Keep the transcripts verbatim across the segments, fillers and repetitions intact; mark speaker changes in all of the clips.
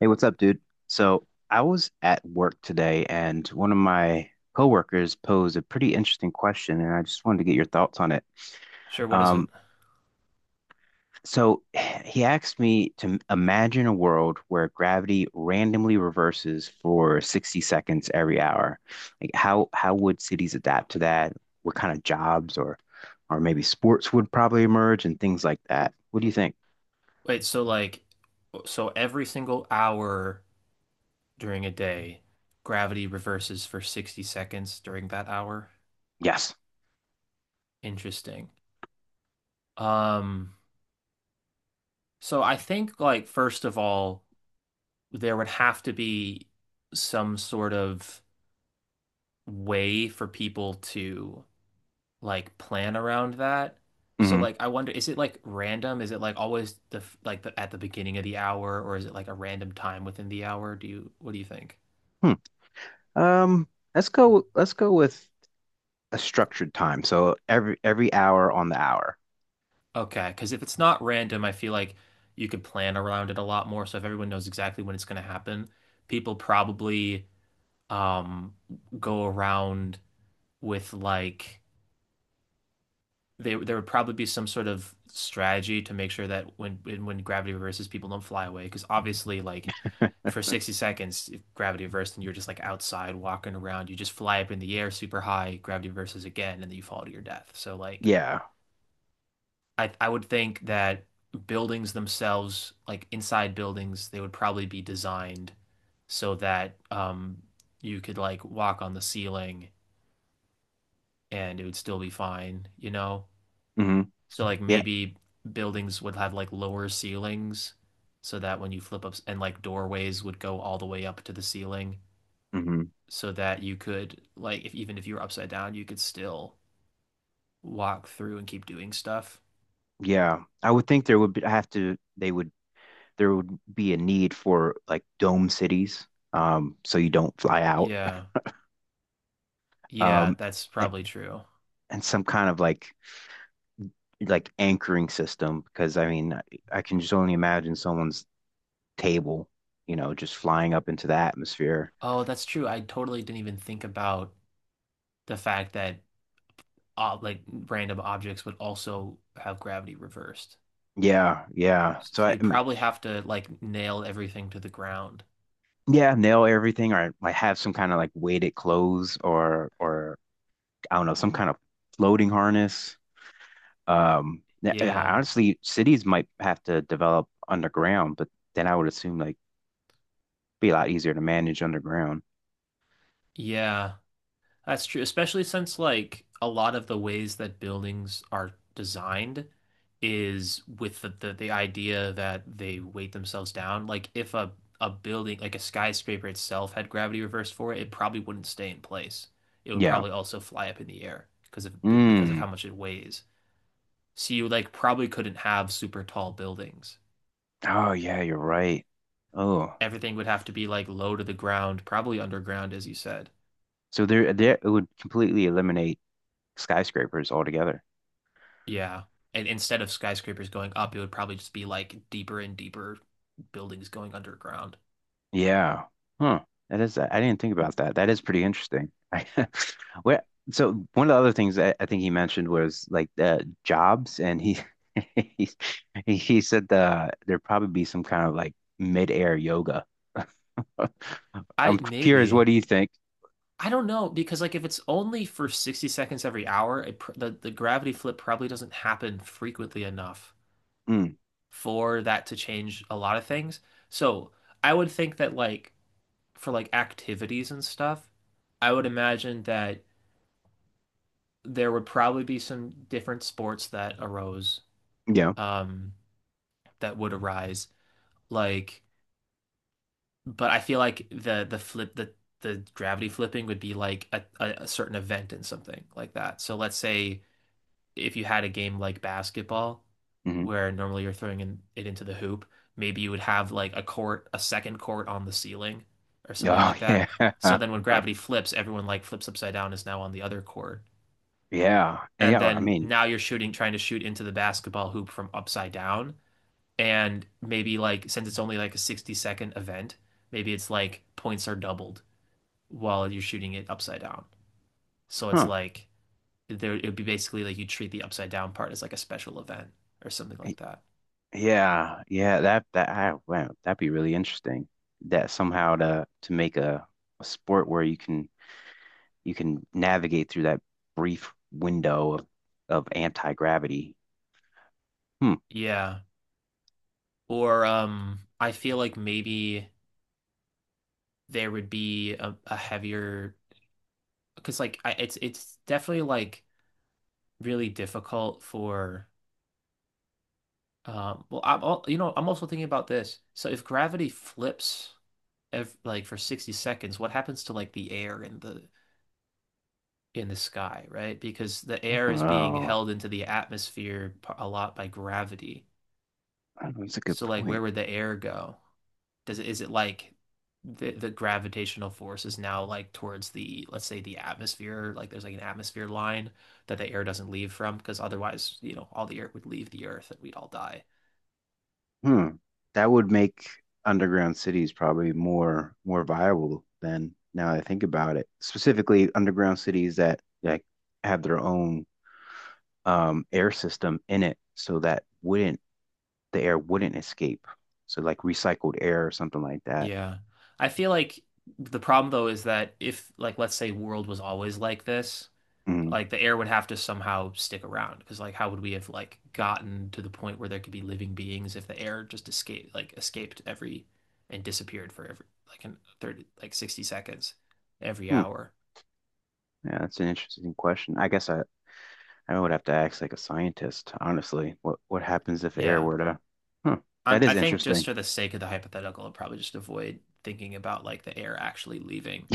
Speaker 1: Hey, what's up, dude? So I was at work today and one of my coworkers posed a pretty interesting question, and I just wanted to get your thoughts on it.
Speaker 2: Sure, what is it?
Speaker 1: Um, so he asked me to m- imagine a world where gravity randomly reverses for sixty seconds every hour. Like how how would cities adapt to that? What kind of jobs or or maybe sports would probably emerge and things like that. What do you think?
Speaker 2: Wait, so like, so every single hour during a day, gravity reverses for sixty seconds during that hour?
Speaker 1: Yes.
Speaker 2: Interesting. Um, so I think like first of all, there would have to be some sort of way for people to like plan around that. So
Speaker 1: hmm
Speaker 2: like I wonder, is it like random? Is it like always the f- like the at the beginning of the hour, or is it like a random time within the hour? Do you What do you think?
Speaker 1: Hmm. Um, let's go let's go with a structured time. So every every hour on the hour.
Speaker 2: Okay, because if it's not random, I feel like you could plan around it a lot more. So if everyone knows exactly when it's going to happen, people probably um go around with like they there would probably be some sort of strategy to make sure that when when gravity reverses, people don't fly away. Because obviously, like for sixty seconds, if gravity reversed and you're just like outside walking around, you just fly up in the air super high, gravity reverses again, and then you fall to your death. So like
Speaker 1: Yeah.
Speaker 2: I I would think that buildings themselves, like inside buildings, they would probably be designed so that um you could like walk on the ceiling and it would still be fine, you know?
Speaker 1: hmm
Speaker 2: So like
Speaker 1: Yeah.
Speaker 2: maybe buildings would have like lower ceilings so that when you flip up and like doorways would go all the way up to the ceiling
Speaker 1: hmm
Speaker 2: so that you could like if even if you were upside down you could still walk through and keep doing stuff.
Speaker 1: Yeah. I would think there would be, I have to they would there would be a need for like dome cities, um, so you don't fly out.
Speaker 2: Yeah. Yeah,
Speaker 1: Um,
Speaker 2: that's
Speaker 1: a-
Speaker 2: probably true.
Speaker 1: and some kind of like like anchoring system because I mean I, I can just only imagine someone's table, you know, just flying up into the atmosphere.
Speaker 2: Oh, that's true. I totally didn't even think about the fact that uh, like random objects would also have gravity reversed.
Speaker 1: Yeah, yeah.
Speaker 2: S-
Speaker 1: So I
Speaker 2: You'd probably have to like nail everything to the ground.
Speaker 1: Yeah, nail everything or like have some kind of like weighted clothes or or I don't know, some kind of floating harness. Um yeah, I-
Speaker 2: Yeah.
Speaker 1: honestly, cities might have to develop underground, but then I would assume like be a lot easier to manage underground.
Speaker 2: Yeah. That's true, especially since like a lot of the ways that buildings are designed is with the, the, the idea that they weight themselves down. Like if a, a building, like a skyscraper itself had gravity reversed for it, it probably wouldn't stay in place. It would
Speaker 1: Yeah.
Speaker 2: probably also fly up in the air because of because of how
Speaker 1: Mm.
Speaker 2: much it weighs. So you like probably couldn't have super tall buildings.
Speaker 1: Oh yeah, you're right. Oh.
Speaker 2: Everything would have to be like low to the ground, probably underground, as you said.
Speaker 1: So there there it would completely eliminate skyscrapers altogether.
Speaker 2: Yeah. And instead of skyscrapers going up, it would probably just be like deeper and deeper buildings going underground.
Speaker 1: Yeah. Huh. That is, I didn't think about that. That is pretty interesting. I, where, so one of the other things I, I think he mentioned was like uh, jobs, and he, he he said the there'd probably be some kind of like mid-air yoga.
Speaker 2: I
Speaker 1: I'm curious, what
Speaker 2: maybe
Speaker 1: do you think?
Speaker 2: I don't know because like if it's only for sixty seconds every hour, it pr the the gravity flip probably doesn't happen frequently enough
Speaker 1: Mm,
Speaker 2: for that to change a lot of things. So, I would think that like for like activities and stuff, I would imagine that there would probably be some different sports that arose
Speaker 1: yeah.
Speaker 2: um that would arise like but I feel like the the flip the the gravity flipping would be like a, a, a certain event and something like that. So let's say if you had a game like basketball,
Speaker 1: hmm
Speaker 2: where normally you're throwing in, it into the hoop, maybe you would have like a court, a second court on the ceiling or something
Speaker 1: Oh
Speaker 2: like
Speaker 1: yeah.
Speaker 2: that. So then when gravity flips, everyone like flips upside down is now on the other court.
Speaker 1: Yeah. And
Speaker 2: And
Speaker 1: yeah, I
Speaker 2: then
Speaker 1: mean,
Speaker 2: now you're shooting, trying to shoot into the basketball hoop from upside down. And maybe like since it's only like a sixty second event, maybe it's like points are doubled while you're shooting it upside down. So it's
Speaker 1: huh.
Speaker 2: like there it would be basically like you treat the upside down part as like a special event or something like that.
Speaker 1: Yeah, yeah, that that I wow, that'd be really interesting. That somehow to to make a, a sport where you can you can navigate through that brief window of, of anti gravity. Hmm.
Speaker 2: Yeah. Or um I feel like maybe there would be a, a heavier because like I, it's it's definitely like really difficult for um well I'm all, you know I'm also thinking about this. So if gravity flips ev like for sixty seconds, what happens to like the air in the in the sky, right? Because the air is being
Speaker 1: Oh,
Speaker 2: held into the atmosphere a lot by gravity.
Speaker 1: that's a good
Speaker 2: So like where
Speaker 1: point.
Speaker 2: would the air go? Does it Is it like the the gravitational force is now like towards the let's say the atmosphere, like there's like an atmosphere line that the air doesn't leave from because otherwise, you know, all the air would leave the earth and we'd all die.
Speaker 1: Hmm. That would make underground cities probably more more viable than now that I think about it. Specifically, underground cities that like have their own um, air system in it, so that wouldn't the air wouldn't escape. So like recycled air or something like that.
Speaker 2: Yeah. I feel like the problem though is that if like let's say world was always like this,
Speaker 1: Mhm.
Speaker 2: like the air would have to somehow stick around because like how would we have like gotten to the point where there could be living beings if the air just escaped like escaped every and disappeared for every like in thirty like sixty seconds every
Speaker 1: Hmm.
Speaker 2: hour.
Speaker 1: Yeah, that's an interesting question. I guess I I would have to ask like a scientist, honestly. What what happens if air
Speaker 2: Yeah,
Speaker 1: were to? Huh,
Speaker 2: i
Speaker 1: that
Speaker 2: I
Speaker 1: is
Speaker 2: think just
Speaker 1: interesting.
Speaker 2: for the sake of the hypothetical I will probably just avoid thinking about like the air actually leaving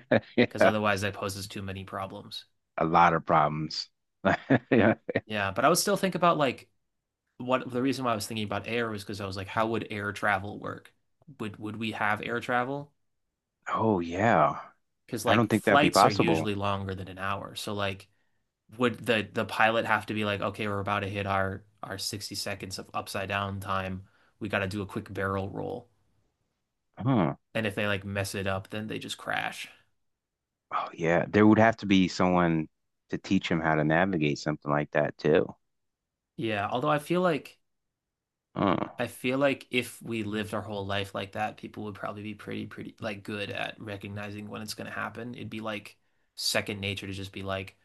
Speaker 2: because
Speaker 1: Yeah,
Speaker 2: otherwise that poses too many problems.
Speaker 1: a lot of problems. Yeah.
Speaker 2: Yeah, but I would still think about like what the reason why I was thinking about air was because I was like how would air travel work would would we have air travel?
Speaker 1: Oh yeah.
Speaker 2: Because
Speaker 1: I
Speaker 2: like
Speaker 1: don't think that'd be
Speaker 2: flights are
Speaker 1: possible.
Speaker 2: usually longer than an hour. So like would the the pilot have to be like, okay, we're about to hit our our sixty seconds of upside down time. We got to do a quick barrel roll.
Speaker 1: Huh.
Speaker 2: And if they like mess it up, then they just crash.
Speaker 1: Oh yeah. There would have to be someone to teach him how to navigate something like that too.
Speaker 2: Yeah, although I feel like
Speaker 1: Huh.
Speaker 2: I feel like if we lived our whole life like that, people would probably be pretty pretty like good at recognizing when it's going to happen. It'd be like second nature to just be like,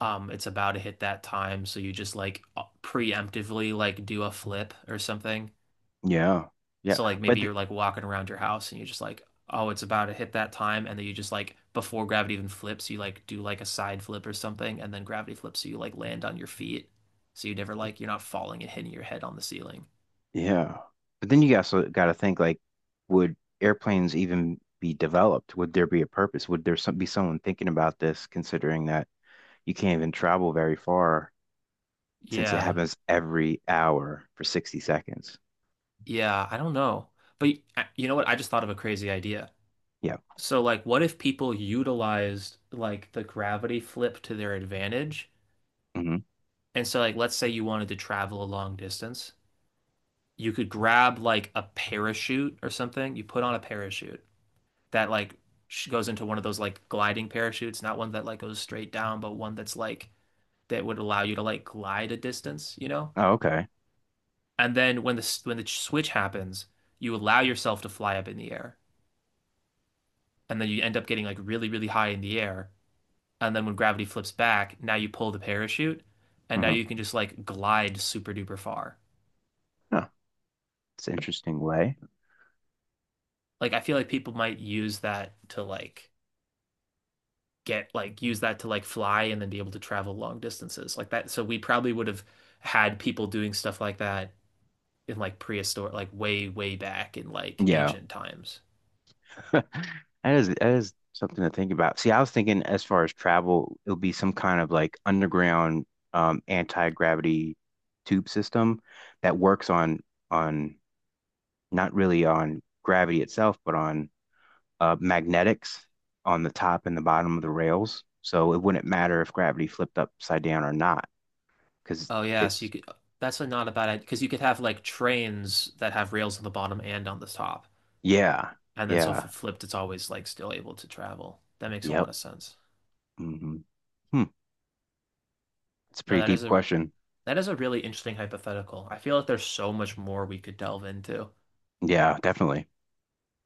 Speaker 2: um, it's about to hit that time, so you just like preemptively like do a flip or something.
Speaker 1: Yeah. Yeah.
Speaker 2: So like maybe
Speaker 1: But
Speaker 2: you're
Speaker 1: th-
Speaker 2: like walking around your house and you just like, oh, it's about to hit that time, and then you just like before gravity even flips, you like do like a side flip or something, and then gravity flips, so you like land on your feet. So you never like you're not falling and hitting your head on the ceiling.
Speaker 1: yeah. But then you also got to think like, would airplanes even be developed? Would there be a purpose? Would there some, be someone thinking about this, considering that? You can't even travel very far since it
Speaker 2: Yeah.
Speaker 1: happens every hour for sixty seconds.
Speaker 2: Yeah, I don't know. But y- uh, you know what? I just thought of a crazy idea.
Speaker 1: Yeah.
Speaker 2: So like what if people utilized like the gravity flip to their advantage?
Speaker 1: hmm
Speaker 2: And so like let's say you wanted to travel a long distance. You could grab like a parachute or something. You put on a parachute that like goes into one of those like gliding parachutes, not one that like goes straight down, but one that's like that would allow you to like glide a distance, you know?
Speaker 1: Oh, okay.
Speaker 2: And then when the when the switch happens, you allow yourself to fly up in the air, and then you end up getting like really really high in the air. And then when gravity flips back, now you pull the parachute, and now
Speaker 1: Uh-huh.
Speaker 2: you can just like glide super duper far.
Speaker 1: Huh. It's an interesting way.
Speaker 2: Like I feel like people might use that to like get like use that to like fly and then be able to travel long distances like that. So we probably would have had people doing stuff like that in like prehistoric, like way, way back in like
Speaker 1: Yeah.
Speaker 2: ancient times.
Speaker 1: That is that is something to think about. See, I was thinking as far as travel, it'll be some kind of like underground um anti-gravity tube system that works on on not really on gravity itself, but on uh, magnetics on the top and the bottom of the rails. So it wouldn't matter if gravity flipped upside down or not, because
Speaker 2: Oh yeah, so you
Speaker 1: it's,
Speaker 2: could that's a not a bad idea because you could have like trains that have rails on the bottom and on the top,
Speaker 1: yeah,
Speaker 2: and then so if
Speaker 1: yeah,
Speaker 2: it flipped, it's always like still able to travel. That makes a lot
Speaker 1: yep.
Speaker 2: of sense.
Speaker 1: hmm Hmm. It's a
Speaker 2: No,
Speaker 1: pretty
Speaker 2: that is
Speaker 1: deep
Speaker 2: a
Speaker 1: question.
Speaker 2: that is a really interesting hypothetical. I feel like there's so much more we could delve into,
Speaker 1: Yeah, definitely.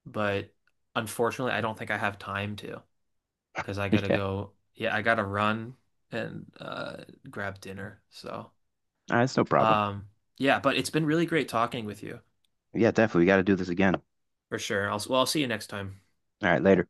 Speaker 2: but unfortunately, I don't think I have time to. Because I gotta
Speaker 1: Yeah,
Speaker 2: go. Yeah, I gotta run and uh, grab dinner. So,
Speaker 1: that's no problem.
Speaker 2: um, yeah, but it's been really great talking with you.
Speaker 1: Yeah, definitely. We got to do this again. All
Speaker 2: For sure. I'll, well, I'll see you next time.
Speaker 1: right, later.